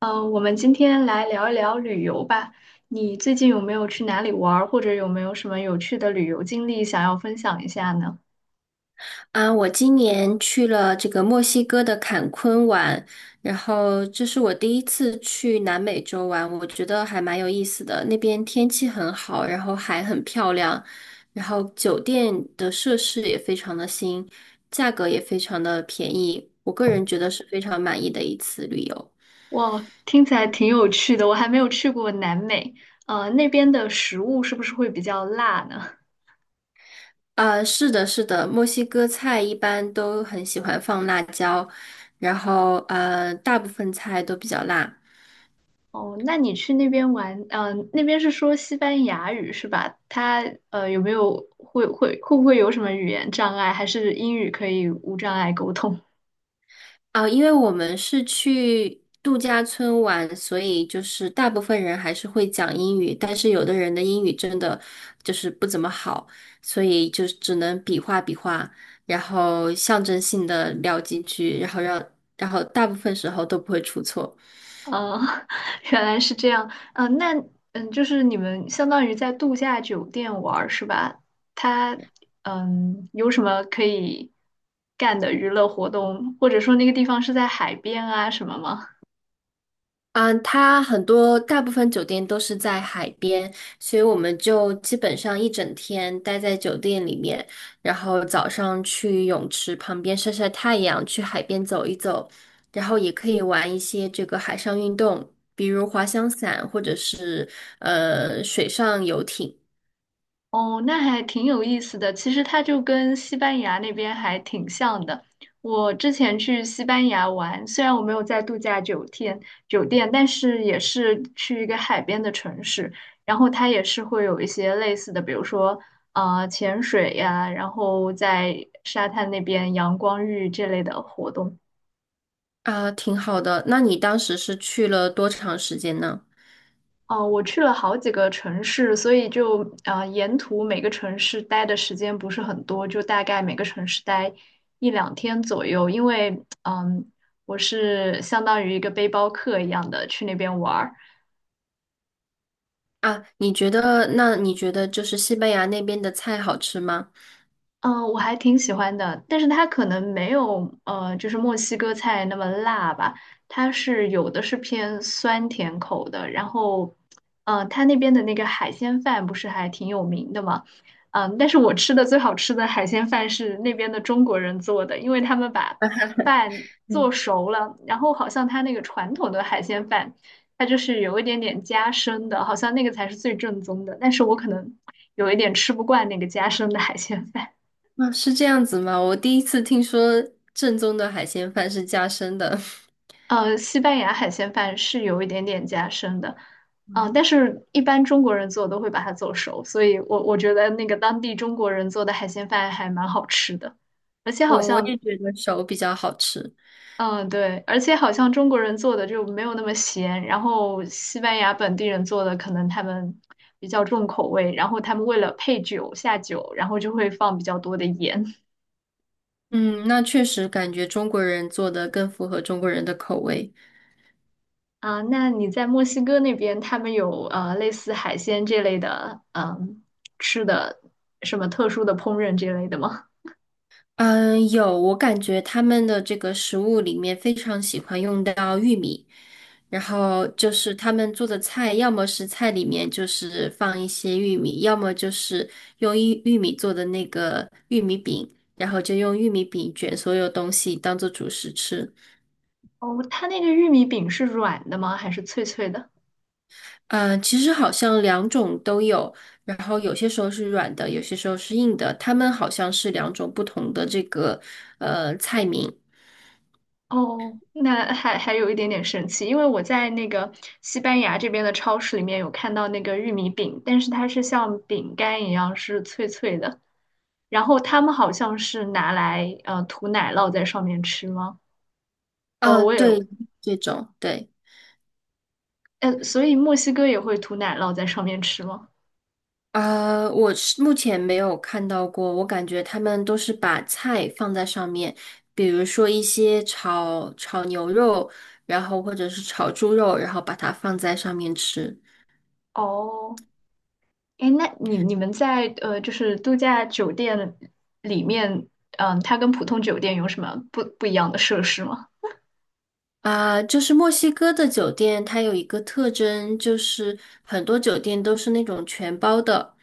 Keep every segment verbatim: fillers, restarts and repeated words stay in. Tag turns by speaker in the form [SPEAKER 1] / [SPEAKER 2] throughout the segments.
[SPEAKER 1] 嗯，我们今天来聊一聊旅游吧。你最近有没有去哪里玩儿，或者有没有什么有趣的旅游经历想要分享一下呢？
[SPEAKER 2] 啊，我今年去了这个墨西哥的坎昆玩，然后这是我第一次去南美洲玩，我觉得还蛮有意思的。那边天气很好，然后海很漂亮，然后酒店的设施也非常的新，价格也非常的便宜，我个人觉得是非常满意的一次旅游。
[SPEAKER 1] 哇，听起来挺有趣的，我还没有去过南美。呃，那边的食物是不是会比较辣呢？
[SPEAKER 2] 啊，是的，是的，墨西哥菜一般都很喜欢放辣椒，然后呃，大部分菜都比较辣。
[SPEAKER 1] 哦，那你去那边玩，嗯，那边是说西班牙语是吧？它呃有没有会会会不会有什么语言障碍，还是英语可以无障碍沟通？
[SPEAKER 2] 啊，因为我们是去度假村玩，所以就是大部分人还是会讲英语，但是有的人的英语真的就是不怎么好，所以就只能比划比划，然后象征性的聊几句，然后让，然后大部分时候都不会出错。
[SPEAKER 1] 嗯，原来是这样。嗯，那嗯，就是你们相当于在度假酒店玩儿是吧？它嗯有什么可以干的娱乐活动，或者说那个地方是在海边啊什么吗？
[SPEAKER 2] 嗯，它很多大部分酒店都是在海边，所以我们就基本上一整天待在酒店里面，然后早上去泳池旁边晒晒太阳，去海边走一走，然后也可以玩一些这个海上运动，比如滑翔伞或者是呃水上游艇
[SPEAKER 1] 哦，那还挺有意思的。其实它就跟西班牙那边还挺像的。我之前去西班牙玩，虽然我没有在度假酒店酒店，但是也是去一个海边的城市，然后它也是会有一些类似的，比如说呃潜水呀，然后在沙滩那边阳光浴这类的活动。
[SPEAKER 2] 啊，挺好的。那你当时是去了多长时间呢？
[SPEAKER 1] 哦，我去了好几个城市，所以就啊，沿途每个城市待的时间不是很多，就大概每个城市待一两天左右。因为嗯，我是相当于一个背包客一样的去那边玩儿。
[SPEAKER 2] 啊，你觉得，那你觉得就是西班牙那边的菜好吃吗？
[SPEAKER 1] 嗯，呃我还挺喜欢的，但是它可能没有呃，就是墨西哥菜那么辣吧。它是有的是偏酸甜口的，然后，呃，它那边的那个海鲜饭不是还挺有名的嘛？嗯，但是我吃的最好吃的海鲜饭是那边的中国人做的，因为他们把饭做熟了，然后好像他那个传统的海鲜饭，它就是有一点点夹生的，好像那个才是最正宗的，但是我可能有一点吃不惯那个夹生的海鲜饭。
[SPEAKER 2] 啊，是这样子吗？我第一次听说正宗的海鲜饭是加生的。
[SPEAKER 1] 呃，西班牙海鲜饭是有一点点夹生的。嗯、但
[SPEAKER 2] 嗯，
[SPEAKER 1] 是一般中国人做都会把它做熟，所以我我觉得那个当地中国人做的海鲜饭还蛮好吃的，而且好
[SPEAKER 2] 我我
[SPEAKER 1] 像，
[SPEAKER 2] 也觉得手比较好吃。
[SPEAKER 1] 嗯、对，而且好像中国人做的就没有那么咸，然后西班牙本地人做的可能他们比较重口味，然后他们为了配酒下酒，然后就会放比较多的盐。
[SPEAKER 2] 嗯，那确实感觉中国人做的更符合中国人的口味。
[SPEAKER 1] 啊，那你在墨西哥那边，他们有呃类似海鲜这类的，嗯，吃的什么特殊的烹饪这类的吗？
[SPEAKER 2] 嗯，有，我感觉他们的这个食物里面非常喜欢用到玉米，然后就是他们做的菜，要么是菜里面就是放一些玉米，要么就是用玉玉米做的那个玉米饼，然后就用玉米饼卷所有东西当做主食吃。
[SPEAKER 1] 哦，它那个玉米饼是软的吗？还是脆脆的？
[SPEAKER 2] 嗯，其实好像两种都有，然后有些时候是软的，有些时候是硬的，他们好像是两种不同的这个呃菜名。
[SPEAKER 1] 哦，那还还有一点点神奇，因为我在那个西班牙这边的超市里面有看到那个玉米饼，但是它是像饼干一样是脆脆的，然后他们好像是拿来呃涂奶酪在上面吃吗？哦，
[SPEAKER 2] 啊，
[SPEAKER 1] 我也
[SPEAKER 2] 对，这种对。
[SPEAKER 1] 呃，所以墨西哥也会涂奶酪在上面吃吗？
[SPEAKER 2] 呃，我是目前没有看到过，我感觉他们都是把菜放在上面，比如说一些炒炒牛肉，然后或者是炒猪肉，然后把它放在上面吃。
[SPEAKER 1] 哦，哎，那你你们在呃，就是度假酒店里面，嗯，它跟普通酒店有什么不不一样的设施吗？
[SPEAKER 2] 啊，就是墨西哥的酒店，它有一个特征，就是很多酒店都是那种全包的，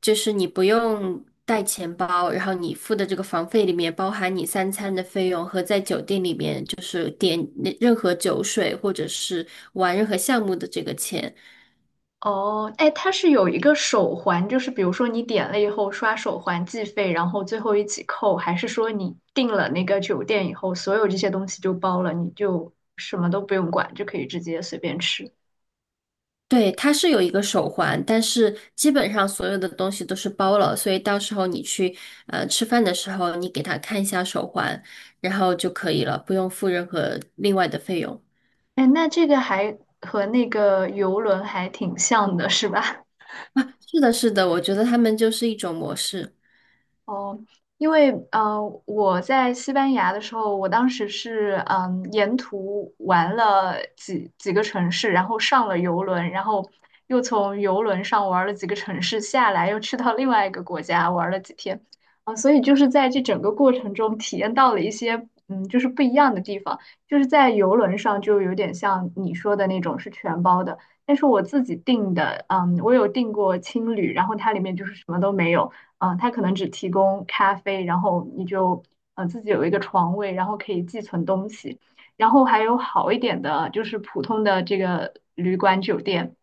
[SPEAKER 2] 就是你不用带钱包，然后你付的这个房费里面包含你三餐的费用和在酒店里面就是点那任何酒水或者是玩任何项目的这个钱。
[SPEAKER 1] 哦，哎，它是有一个手环，就是比如说你点了以后刷手环计费，然后最后一起扣，还是说你订了那个酒店以后，所有这些东西就包了，你就什么都不用管，就可以直接随便吃？
[SPEAKER 2] 对，它是有一个手环，但是基本上所有的东西都是包了，所以到时候你去呃吃饭的时候，你给他看一下手环，然后就可以了，不用付任何另外的费用。
[SPEAKER 1] 哎，那这个还和那个游轮还挺像的，是吧？
[SPEAKER 2] 啊，是的，是的，我觉得他们就是一种模式。
[SPEAKER 1] 哦，因为呃，我在西班牙的时候，我当时是嗯，沿途玩了几几个城市，然后上了游轮，然后又从游轮上玩了几个城市下来，又去到另外一个国家玩了几天。啊，所以就是在这整个过程中体验到了一些嗯，就是不一样的地方。就是在游轮上就有点像你说的那种是全包的，但是我自己订的，嗯，我有订过青旅，然后它里面就是什么都没有。啊，呃它可能只提供咖啡，然后你就呃自己有一个床位，然后可以寄存东西。然后还有好一点的，就是普通的这个旅馆酒店，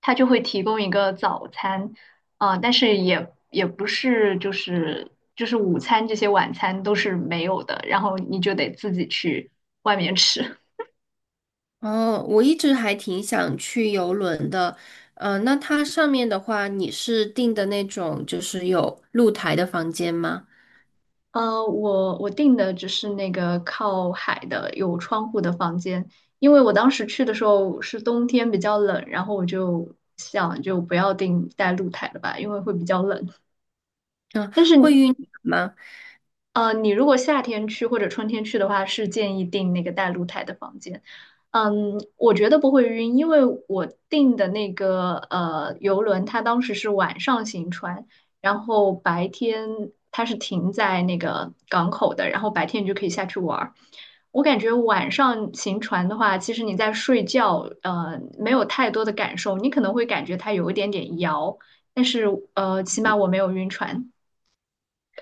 [SPEAKER 1] 它就会提供一个早餐。啊、但是也也不是就是就是午餐这些晚餐都是没有的，然后你就得自己去外面吃。
[SPEAKER 2] 哦，我一直还挺想去游轮的。呃，那它上面的话，你是订的那种就是有露台的房间吗？
[SPEAKER 1] 呃，我我订的只是那个靠海的有窗户的房间，因为我当时去的时候是冬天比较冷，然后我就想就不要订带露台的吧，因为会比较冷。
[SPEAKER 2] 嗯，
[SPEAKER 1] 但是
[SPEAKER 2] 会晕船吗？
[SPEAKER 1] 呃，你如果夏天去或者春天去的话，是建议订那个带露台的房间。嗯，我觉得不会晕，因为我订的那个呃游轮，它当时是晚上行船，然后白天它是停在那个港口的，然后白天你就可以下去玩儿。我感觉晚上行船的话，其实你在睡觉，呃，没有太多的感受，你可能会感觉它有一点点摇，但是呃，起码我没有晕船。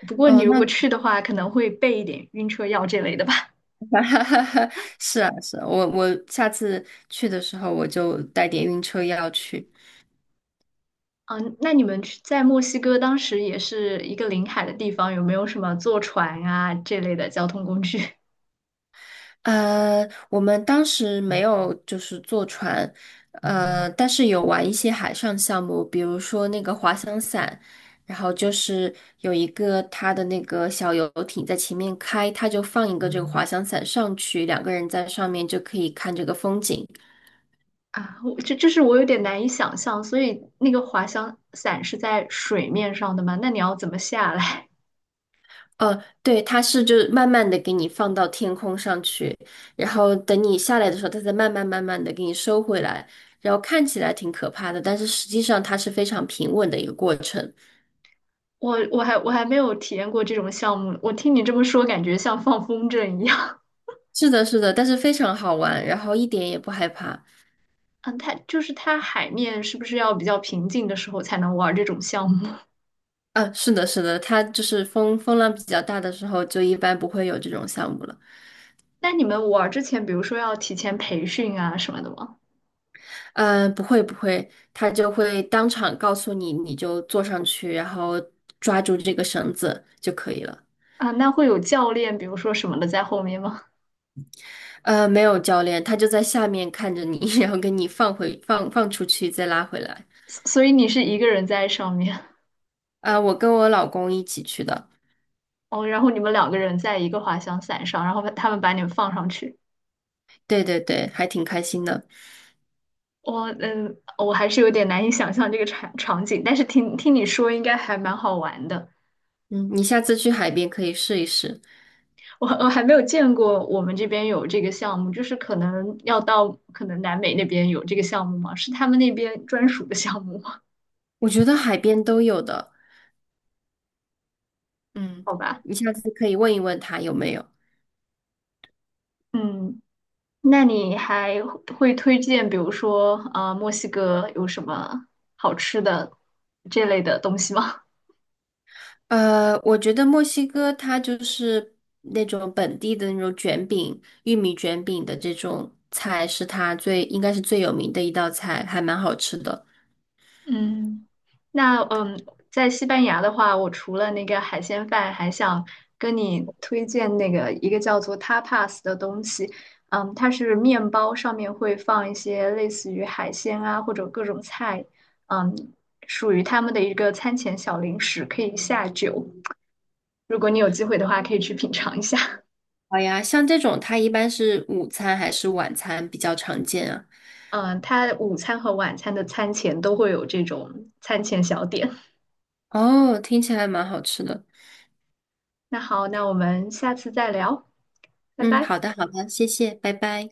[SPEAKER 1] 不过你
[SPEAKER 2] 哦，
[SPEAKER 1] 如
[SPEAKER 2] 那
[SPEAKER 1] 果去的话，可能会备一点晕车药这类的吧。
[SPEAKER 2] 哈哈，是啊，是啊，我我下次去的时候我就带点晕车药去。
[SPEAKER 1] 嗯，那你们去在墨西哥当时也是一个临海的地方，有没有什么坐船啊这类的交通工具。
[SPEAKER 2] 呃，我们当时没有就是坐船，呃，但是有玩一些海上项目，比如说那个滑翔伞，然后就是有一个它的那个小游艇在前面开，它就放一个这个滑翔伞上去，两个人在上面就可以看这个风景。
[SPEAKER 1] 啊？我这就是我有点难以想象，所以那个滑翔伞是在水面上的吗？那你要怎么下来？
[SPEAKER 2] 呃，对，它是就是慢慢的给你放到天空上去，然后等你下来的时候，它再慢慢慢慢的给你收回来，然后看起来挺可怕的，但是实际上它是非常平稳的一个过程。
[SPEAKER 1] 我我还我还没有体验过这种项目，我听你这么说，感觉像放风筝一样。
[SPEAKER 2] 是的，是的，但是非常好玩，然后一点也不害怕。
[SPEAKER 1] 嗯，它就是它海面是不是要比较平静的时候才能玩这种项目？
[SPEAKER 2] 啊，是的，是的，它就是风风浪比较大的时候，就一般不会有这种项目了。
[SPEAKER 1] 那你们玩儿之前，比如说要提前培训啊什么的吗？
[SPEAKER 2] 嗯，不会不会，它就会当场告诉你，你就坐上去，然后抓住这个绳子就可以了。
[SPEAKER 1] 啊，那会有教练，比如说什么的在后面吗？
[SPEAKER 2] 呃，没有教练，他就在下面看着你，然后给你放回放放出去，再拉回来。
[SPEAKER 1] 所所以你是一个人在上面？
[SPEAKER 2] 啊、我跟我老公一起去的，
[SPEAKER 1] 哦，然后你们两个人在一个滑翔伞上，然后他们把你们放上去。
[SPEAKER 2] 对对对，还挺开心的。
[SPEAKER 1] 我嗯，我还是有点难以想象这个场场景，但是听听你说应该还蛮好玩的。
[SPEAKER 2] 嗯，你下次去海边可以试一试，
[SPEAKER 1] 我我还没有见过我们这边有这个项目，就是可能要到可能南美那边有这个项目吗？是他们那边专属的项目吗？
[SPEAKER 2] 我觉得海边都有的。嗯，
[SPEAKER 1] 好吧。
[SPEAKER 2] 你下次可以问一问他有没有。
[SPEAKER 1] 嗯，那你还会推荐，比如说，呃，墨西哥有什么好吃的这类的东西吗？
[SPEAKER 2] 呃，我觉得墨西哥它就是那种本地的那种卷饼、玉米卷饼的这种菜，是它最应该是最有名的一道菜，还蛮好吃的。
[SPEAKER 1] 嗯，那嗯，在西班牙的话，我除了那个海鲜饭，还想跟你推荐那个一个叫做 tapas 的东西。嗯，它是面包上面会放一些类似于海鲜啊或者各种菜，嗯，属于他们的一个餐前小零食，可以下酒。如果你有机会的话，可以去品尝一下。
[SPEAKER 2] 好呀，像这种它一般是午餐还是晚餐比较常见啊？
[SPEAKER 1] 嗯、他它午餐和晚餐的餐前都会有这种餐前小点。
[SPEAKER 2] 哦，听起来蛮好吃的。
[SPEAKER 1] 那好，那我们下次再聊，拜
[SPEAKER 2] 嗯，
[SPEAKER 1] 拜。
[SPEAKER 2] 好的，好的，谢谢，拜拜。